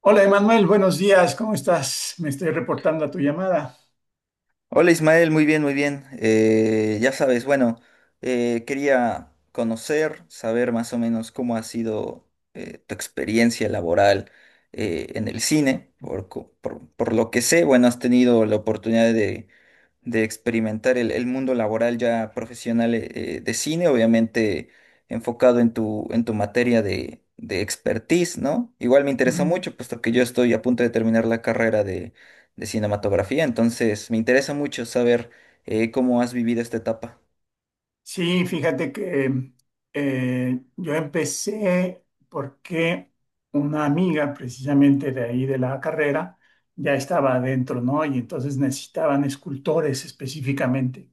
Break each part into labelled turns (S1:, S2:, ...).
S1: Hola Emanuel, buenos días, ¿cómo estás? Me estoy reportando a tu llamada.
S2: Hola Ismael, muy bien, muy bien. Ya sabes, bueno, quería conocer, saber más o menos cómo ha sido tu experiencia laboral en el cine. Por lo que sé, bueno, has tenido la oportunidad de experimentar el mundo laboral ya profesional de cine, obviamente enfocado en en tu materia de expertise, ¿no? Igual me interesa
S1: Ujú.
S2: mucho, puesto que yo estoy a punto de terminar la carrera de cinematografía, entonces me interesa mucho saber cómo has vivido esta etapa.
S1: Sí, fíjate que yo empecé porque una amiga precisamente de ahí de la carrera ya estaba adentro, ¿no? Y entonces necesitaban escultores específicamente.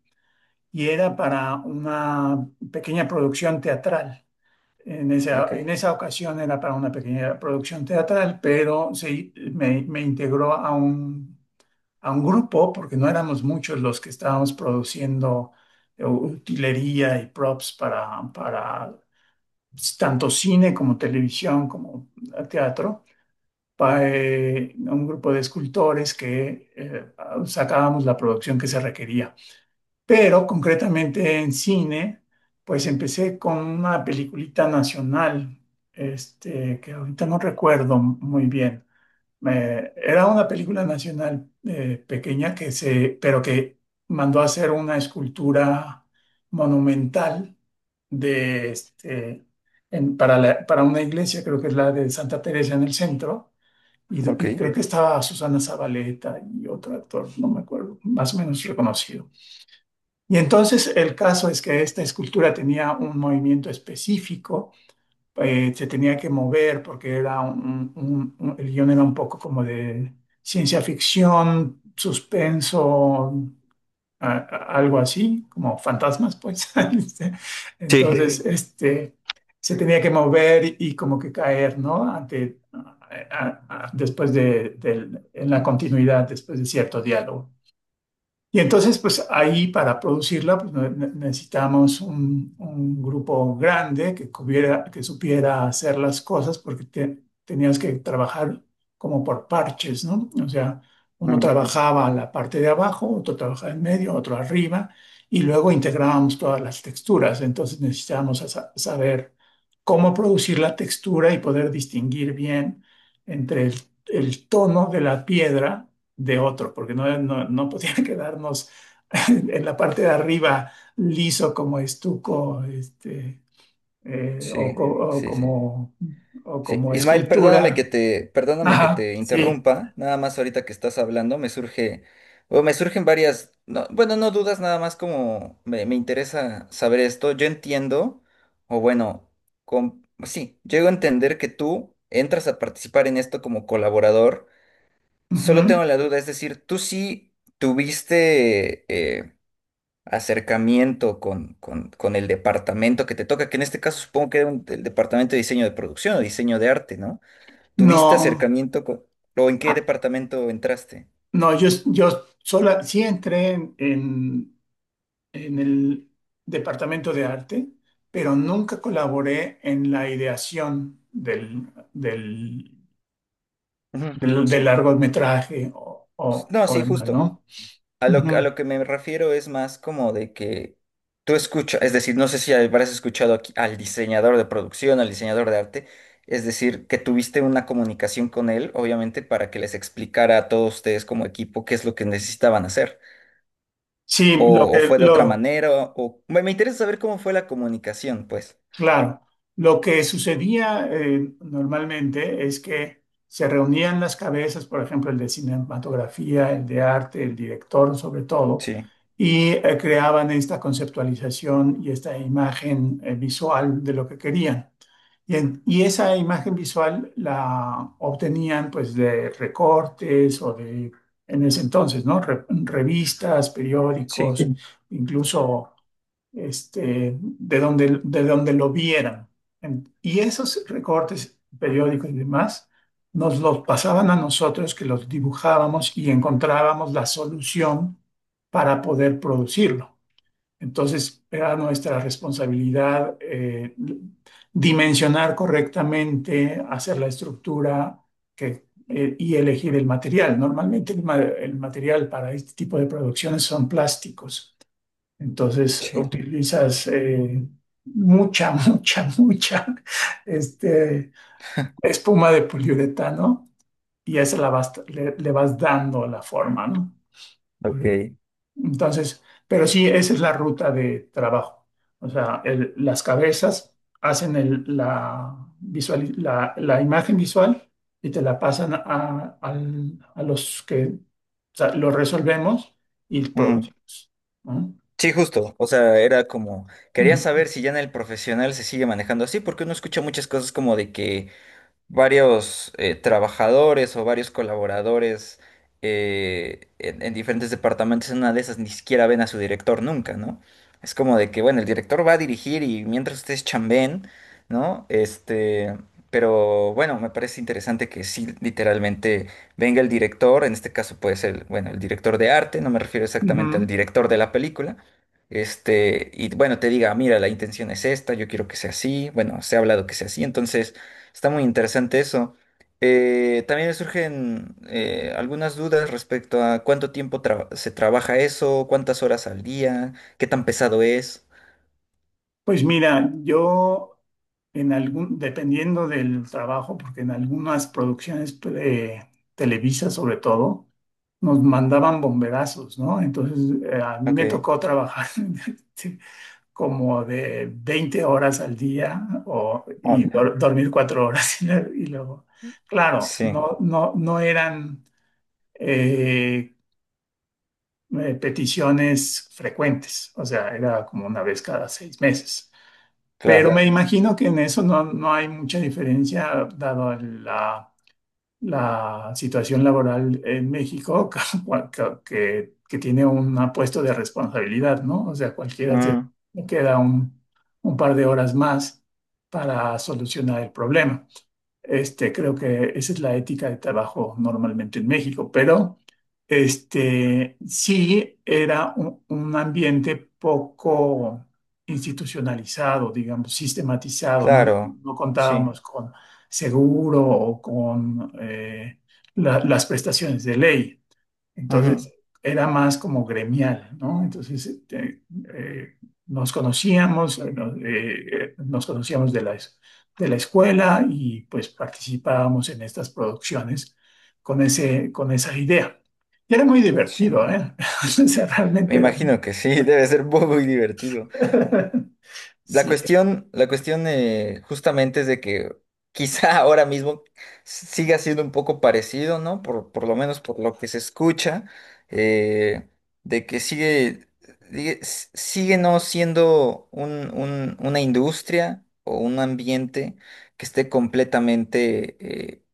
S1: Y era para una pequeña producción teatral.
S2: Ok,
S1: En esa ocasión era para una pequeña producción teatral, pero sí, me integró a un grupo, porque no éramos muchos los que estábamos produciendo utilería y props para tanto cine como televisión como teatro, para un grupo de escultores que sacábamos la producción que se requería. Pero concretamente en cine, pues empecé con una peliculita nacional, este, que ahorita no recuerdo muy bien era una película nacional pequeña que se, pero que mandó a hacer una escultura monumental de este, para para una iglesia, creo que es la de Santa Teresa en el centro, y,
S2: ok.
S1: y creo que estaba Susana Zabaleta y otro actor, no me acuerdo, más o menos reconocido. Y entonces el caso es que esta escultura tenía un movimiento específico, se tenía que mover porque era el guión era un poco como de ciencia ficción, suspenso, algo así, como fantasmas, pues. Este,
S2: Sí.
S1: entonces, sí, este, se tenía que mover y, como que caer, ¿no? Ante, a- Después de, en la continuidad, después de cierto diálogo. Y entonces, pues ahí para producirla pues, necesitamos un grupo grande que que supiera hacer las cosas porque tenías que trabajar como por parches, ¿no? O sea, uno
S2: Mm.
S1: trabajaba la parte de abajo, otro trabajaba en medio, otro arriba, y luego integrábamos todas las texturas. Entonces necesitábamos a saber cómo producir la textura y poder distinguir bien entre el tono de la piedra de otro, porque no podía quedarnos en la parte de arriba liso como estuco, este, o,
S2: Sí,
S1: o
S2: sí, sí.
S1: como, o
S2: Sí,
S1: como
S2: Ismael,
S1: escultura.
S2: perdóname que
S1: Ajá,
S2: te
S1: sí.
S2: interrumpa, nada más ahorita que estás hablando, o me surgen varias, no, bueno, no dudas, nada más como me interesa saber esto, yo entiendo, o bueno, con, sí, llego a entender que tú entras a participar en esto como colaborador.
S1: Ujú.
S2: Solo tengo la duda, es decir, tú sí tuviste eh, acercamiento con el departamento que te toca, que en este caso supongo que era un- el departamento de diseño de producción o diseño de arte, ¿no? ¿Tuviste
S1: No,
S2: acercamiento con, o en qué
S1: ah,
S2: departamento entraste?
S1: no, yo sola, sí entré en el departamento de arte, pero nunca colaboré en la ideación del,
S2: Ujú.
S1: del
S2: Sí.
S1: largometraje
S2: No,
S1: o
S2: sí,
S1: demás,
S2: justo.
S1: ¿no?
S2: A
S1: Ujú.
S2: lo que me refiero es más como de que tú escuchas, es decir, no sé si habrás escuchado aquí al diseñador de producción, al diseñador de arte, es decir, que tuviste una comunicación con él, obviamente, para que les explicara a todos ustedes como equipo qué es lo que necesitaban hacer.
S1: Sí, lo
S2: O
S1: que
S2: fue de otra
S1: lo
S2: manera, o me interesa saber cómo fue la comunicación, pues.
S1: claro, lo que sucedía normalmente es que se reunían las cabezas, por ejemplo, el de cinematografía, el de arte, el director, sobre todo,
S2: Sí,
S1: y creaban esta conceptualización y esta imagen visual de lo que querían. Y, y esa imagen visual la obtenían pues de recortes o de en ese entonces, ¿no? Revistas,
S2: sí,
S1: periódicos, incluso este, de donde lo vieran. Y esos recortes periódicos y demás nos los pasaban a nosotros que los dibujábamos y encontrábamos la solución para poder producirlo. Entonces era nuestra responsabilidad, dimensionar correctamente, hacer la estructura que, y elegir el material. Normalmente el el material para este tipo de producciones son plásticos, entonces
S2: sí.
S1: utilizas mucha, mucha este, espuma de poliuretano y a esa le vas dando la forma, ¿no?
S2: Ok.
S1: Entonces, pero sí, esa es la ruta de trabajo. O sea, las cabezas hacen la imagen visual y te la pasan a, a los que o sea, lo resolvemos y
S2: Ujú.
S1: producimos, ¿no?
S2: Sí, justo. O sea, era como, quería
S1: Ujú.
S2: saber si ya en el profesional se sigue manejando así, porque uno escucha muchas cosas como de que varios trabajadores o varios colaboradores en diferentes departamentos, en una de esas ni siquiera ven a su director nunca, ¿no? Es como de que, bueno, el director va a dirigir y mientras ustedes chambeen, ¿no? Este, pero bueno, me parece interesante que sí, literalmente venga el director, en este caso puede ser, bueno, el director de arte, no me refiero exactamente al
S1: Ujú.
S2: director de la película. Este, y bueno, te diga, mira, la intención es esta, yo quiero que sea así, bueno, se ha hablado que sea así, entonces está muy interesante eso. También me surgen algunas dudas respecto a cuánto tiempo se trabaja eso, cuántas horas al día, qué tan pesado es.
S1: Pues mira, yo en algún, dependiendo del trabajo, porque en algunas producciones Televisa sobre todo, nos mandaban bomberazos, ¿no? Entonces a mí me
S2: Ok,
S1: tocó trabajar sí, como de 20 horas al día o, y
S2: hola.
S1: dormir 4 horas y, y luego, claro,
S2: Sí,
S1: no eran eh, peticiones frecuentes, o sea, era como una vez cada 6 meses. Pero
S2: claro.
S1: me claro, imagino que en eso no hay mucha diferencia, dado la, la situación laboral en México, que tiene un puesto de responsabilidad, ¿no? O sea, cualquiera se
S2: Mm,
S1: le queda un par de horas más para solucionar el problema. Este, creo que esa es la ética de trabajo normalmente en México, pero este, sí era un ambiente poco institucionalizado, digamos, sistematizado. No,
S2: claro,
S1: no
S2: sí.
S1: contábamos con seguro o con las prestaciones de ley. Entonces
S2: Ujú,
S1: era más como gremial, ¿no? Entonces este, eh, nos conocíamos, nos conocíamos de de la escuela y pues participábamos en estas producciones con ese, con esa idea. Y era muy
S2: sí.
S1: divertido, ¿eh? O sea,
S2: Me
S1: realmente era
S2: imagino
S1: muy...
S2: que sí, debe ser muy divertido.
S1: Sí,
S2: La cuestión justamente es de que quizá ahora mismo siga siendo un poco parecido, ¿no? Por lo menos por lo que se escucha, eh, de que sigue, sigue no siendo un- una industria o un ambiente que esté completamente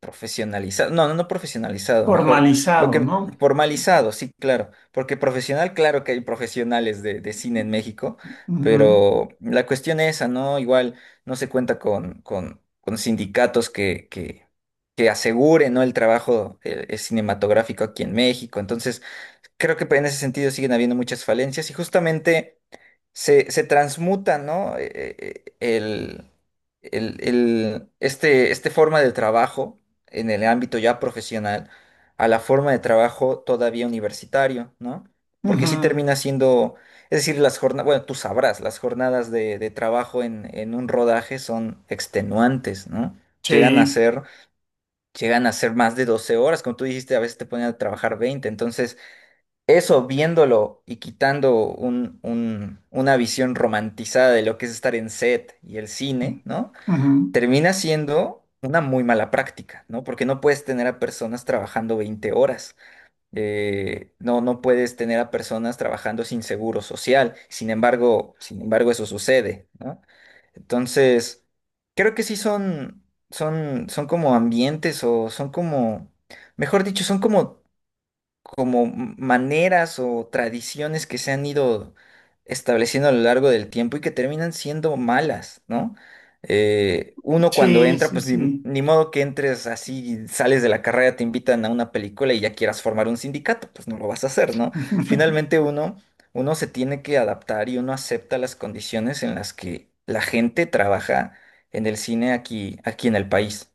S2: profesionalizado, no, no, no profesionalizado, mejor lo
S1: formalizado,
S2: que
S1: ¿no?
S2: formalizado, sí, claro, porque profesional, claro que hay profesionales de cine en México,
S1: Ujú,
S2: pero la cuestión es esa, ¿no? Igual no se cuenta con sindicatos que aseguren, ¿no? El trabajo cinematográfico aquí en México, entonces creo que en ese sentido siguen habiendo muchas falencias y justamente se transmuta, ¿no? Eh, el, el- este, este forma de trabajo en el ámbito ya profesional a la forma de trabajo todavía universitario, ¿no? Porque sí
S1: ujú,
S2: termina siendo, es decir, las jornadas, bueno, tú sabrás, las jornadas de trabajo en un rodaje son extenuantes, ¿no? Llegan a
S1: sí,
S2: ser, Llegan a ser más de 12 horas, como tú dijiste, a veces te ponen a trabajar 20, entonces... Eso, viéndolo y quitando un- una visión romantizada de lo que es estar en set y el cine, ¿no?
S1: ujú,
S2: Termina siendo una muy mala práctica, ¿no? Porque no puedes tener a personas trabajando 20 horas. No, no puedes tener a personas trabajando sin seguro social. Sin embargo, eso sucede, ¿no? Entonces, creo que sí son, son como ambientes o son como, mejor dicho, son como como maneras o tradiciones que se han ido estableciendo a lo largo del tiempo y que terminan siendo malas, ¿no? Uno cuando
S1: sí,
S2: entra,
S1: sí,
S2: pues ni,
S1: sí.
S2: ni modo que entres así, sales de la carrera, te invitan a una película y ya quieras formar un sindicato, pues no lo vas a hacer, ¿no? Finalmente uno, uno se tiene que adaptar y uno acepta las condiciones en las que la gente trabaja en el cine aquí, aquí en el país.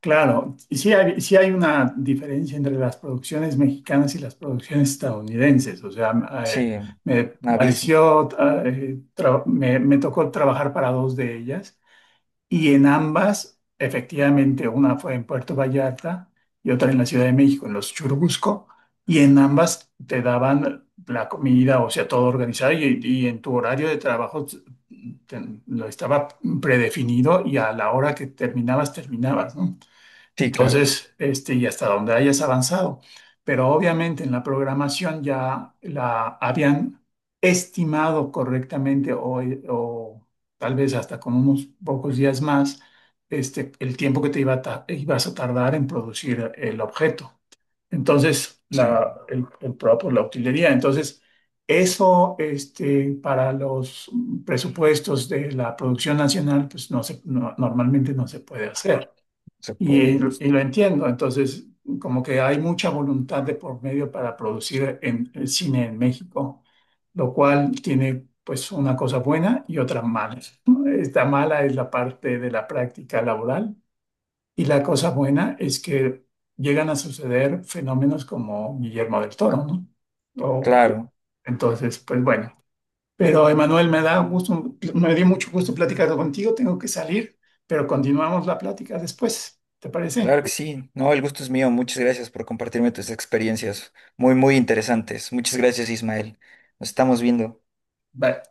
S1: Claro, sí hay una diferencia entre las producciones mexicanas y las producciones estadounidenses. O sea, eh,
S2: Sí,
S1: me
S2: un abismo.
S1: pareció, me, me tocó trabajar para dos de ellas y en ambas, efectivamente, una fue en Puerto Vallarta y otra en la Ciudad de México, en los Churubusco, y en ambas te daban la comida, o sea, todo organizado y en tu horario de trabajo te- lo estaba predefinido y a la hora que terminabas, terminabas, ¿no?
S2: Sí, claro.
S1: Entonces, este, y hasta donde hayas avanzado. Pero obviamente en la programación ya la habían estimado correctamente o tal vez hasta con unos pocos días más, este, el tiempo que te iba a ibas a tardar en producir el objeto. Entonces,
S2: Sí,
S1: el propio, la utilería. Entonces, eso, este, para los presupuestos de la producción nacional, pues no se, no- normalmente no se puede hacer.
S2: se puede,
S1: Y
S2: justo.
S1: lo entiendo, entonces como que hay mucha voluntad de por medio para producir en, el cine en México, lo cual tiene pues una cosa buena y otra mala. Esta mala es la parte de la práctica laboral y la cosa buena es que llegan a suceder fenómenos como Guillermo del Toro, ¿no? O,
S2: Claro,
S1: entonces, pues bueno. Pero Emanuel, me da gusto, me dio mucho gusto platicar contigo, tengo que salir, pero continuamos la plática después, ¿te parece?
S2: claro que sí. No, el gusto es mío. Muchas gracias por compartirme tus experiencias muy, muy interesantes. Muchas gracias, Ismael. Nos estamos viendo.
S1: Bye.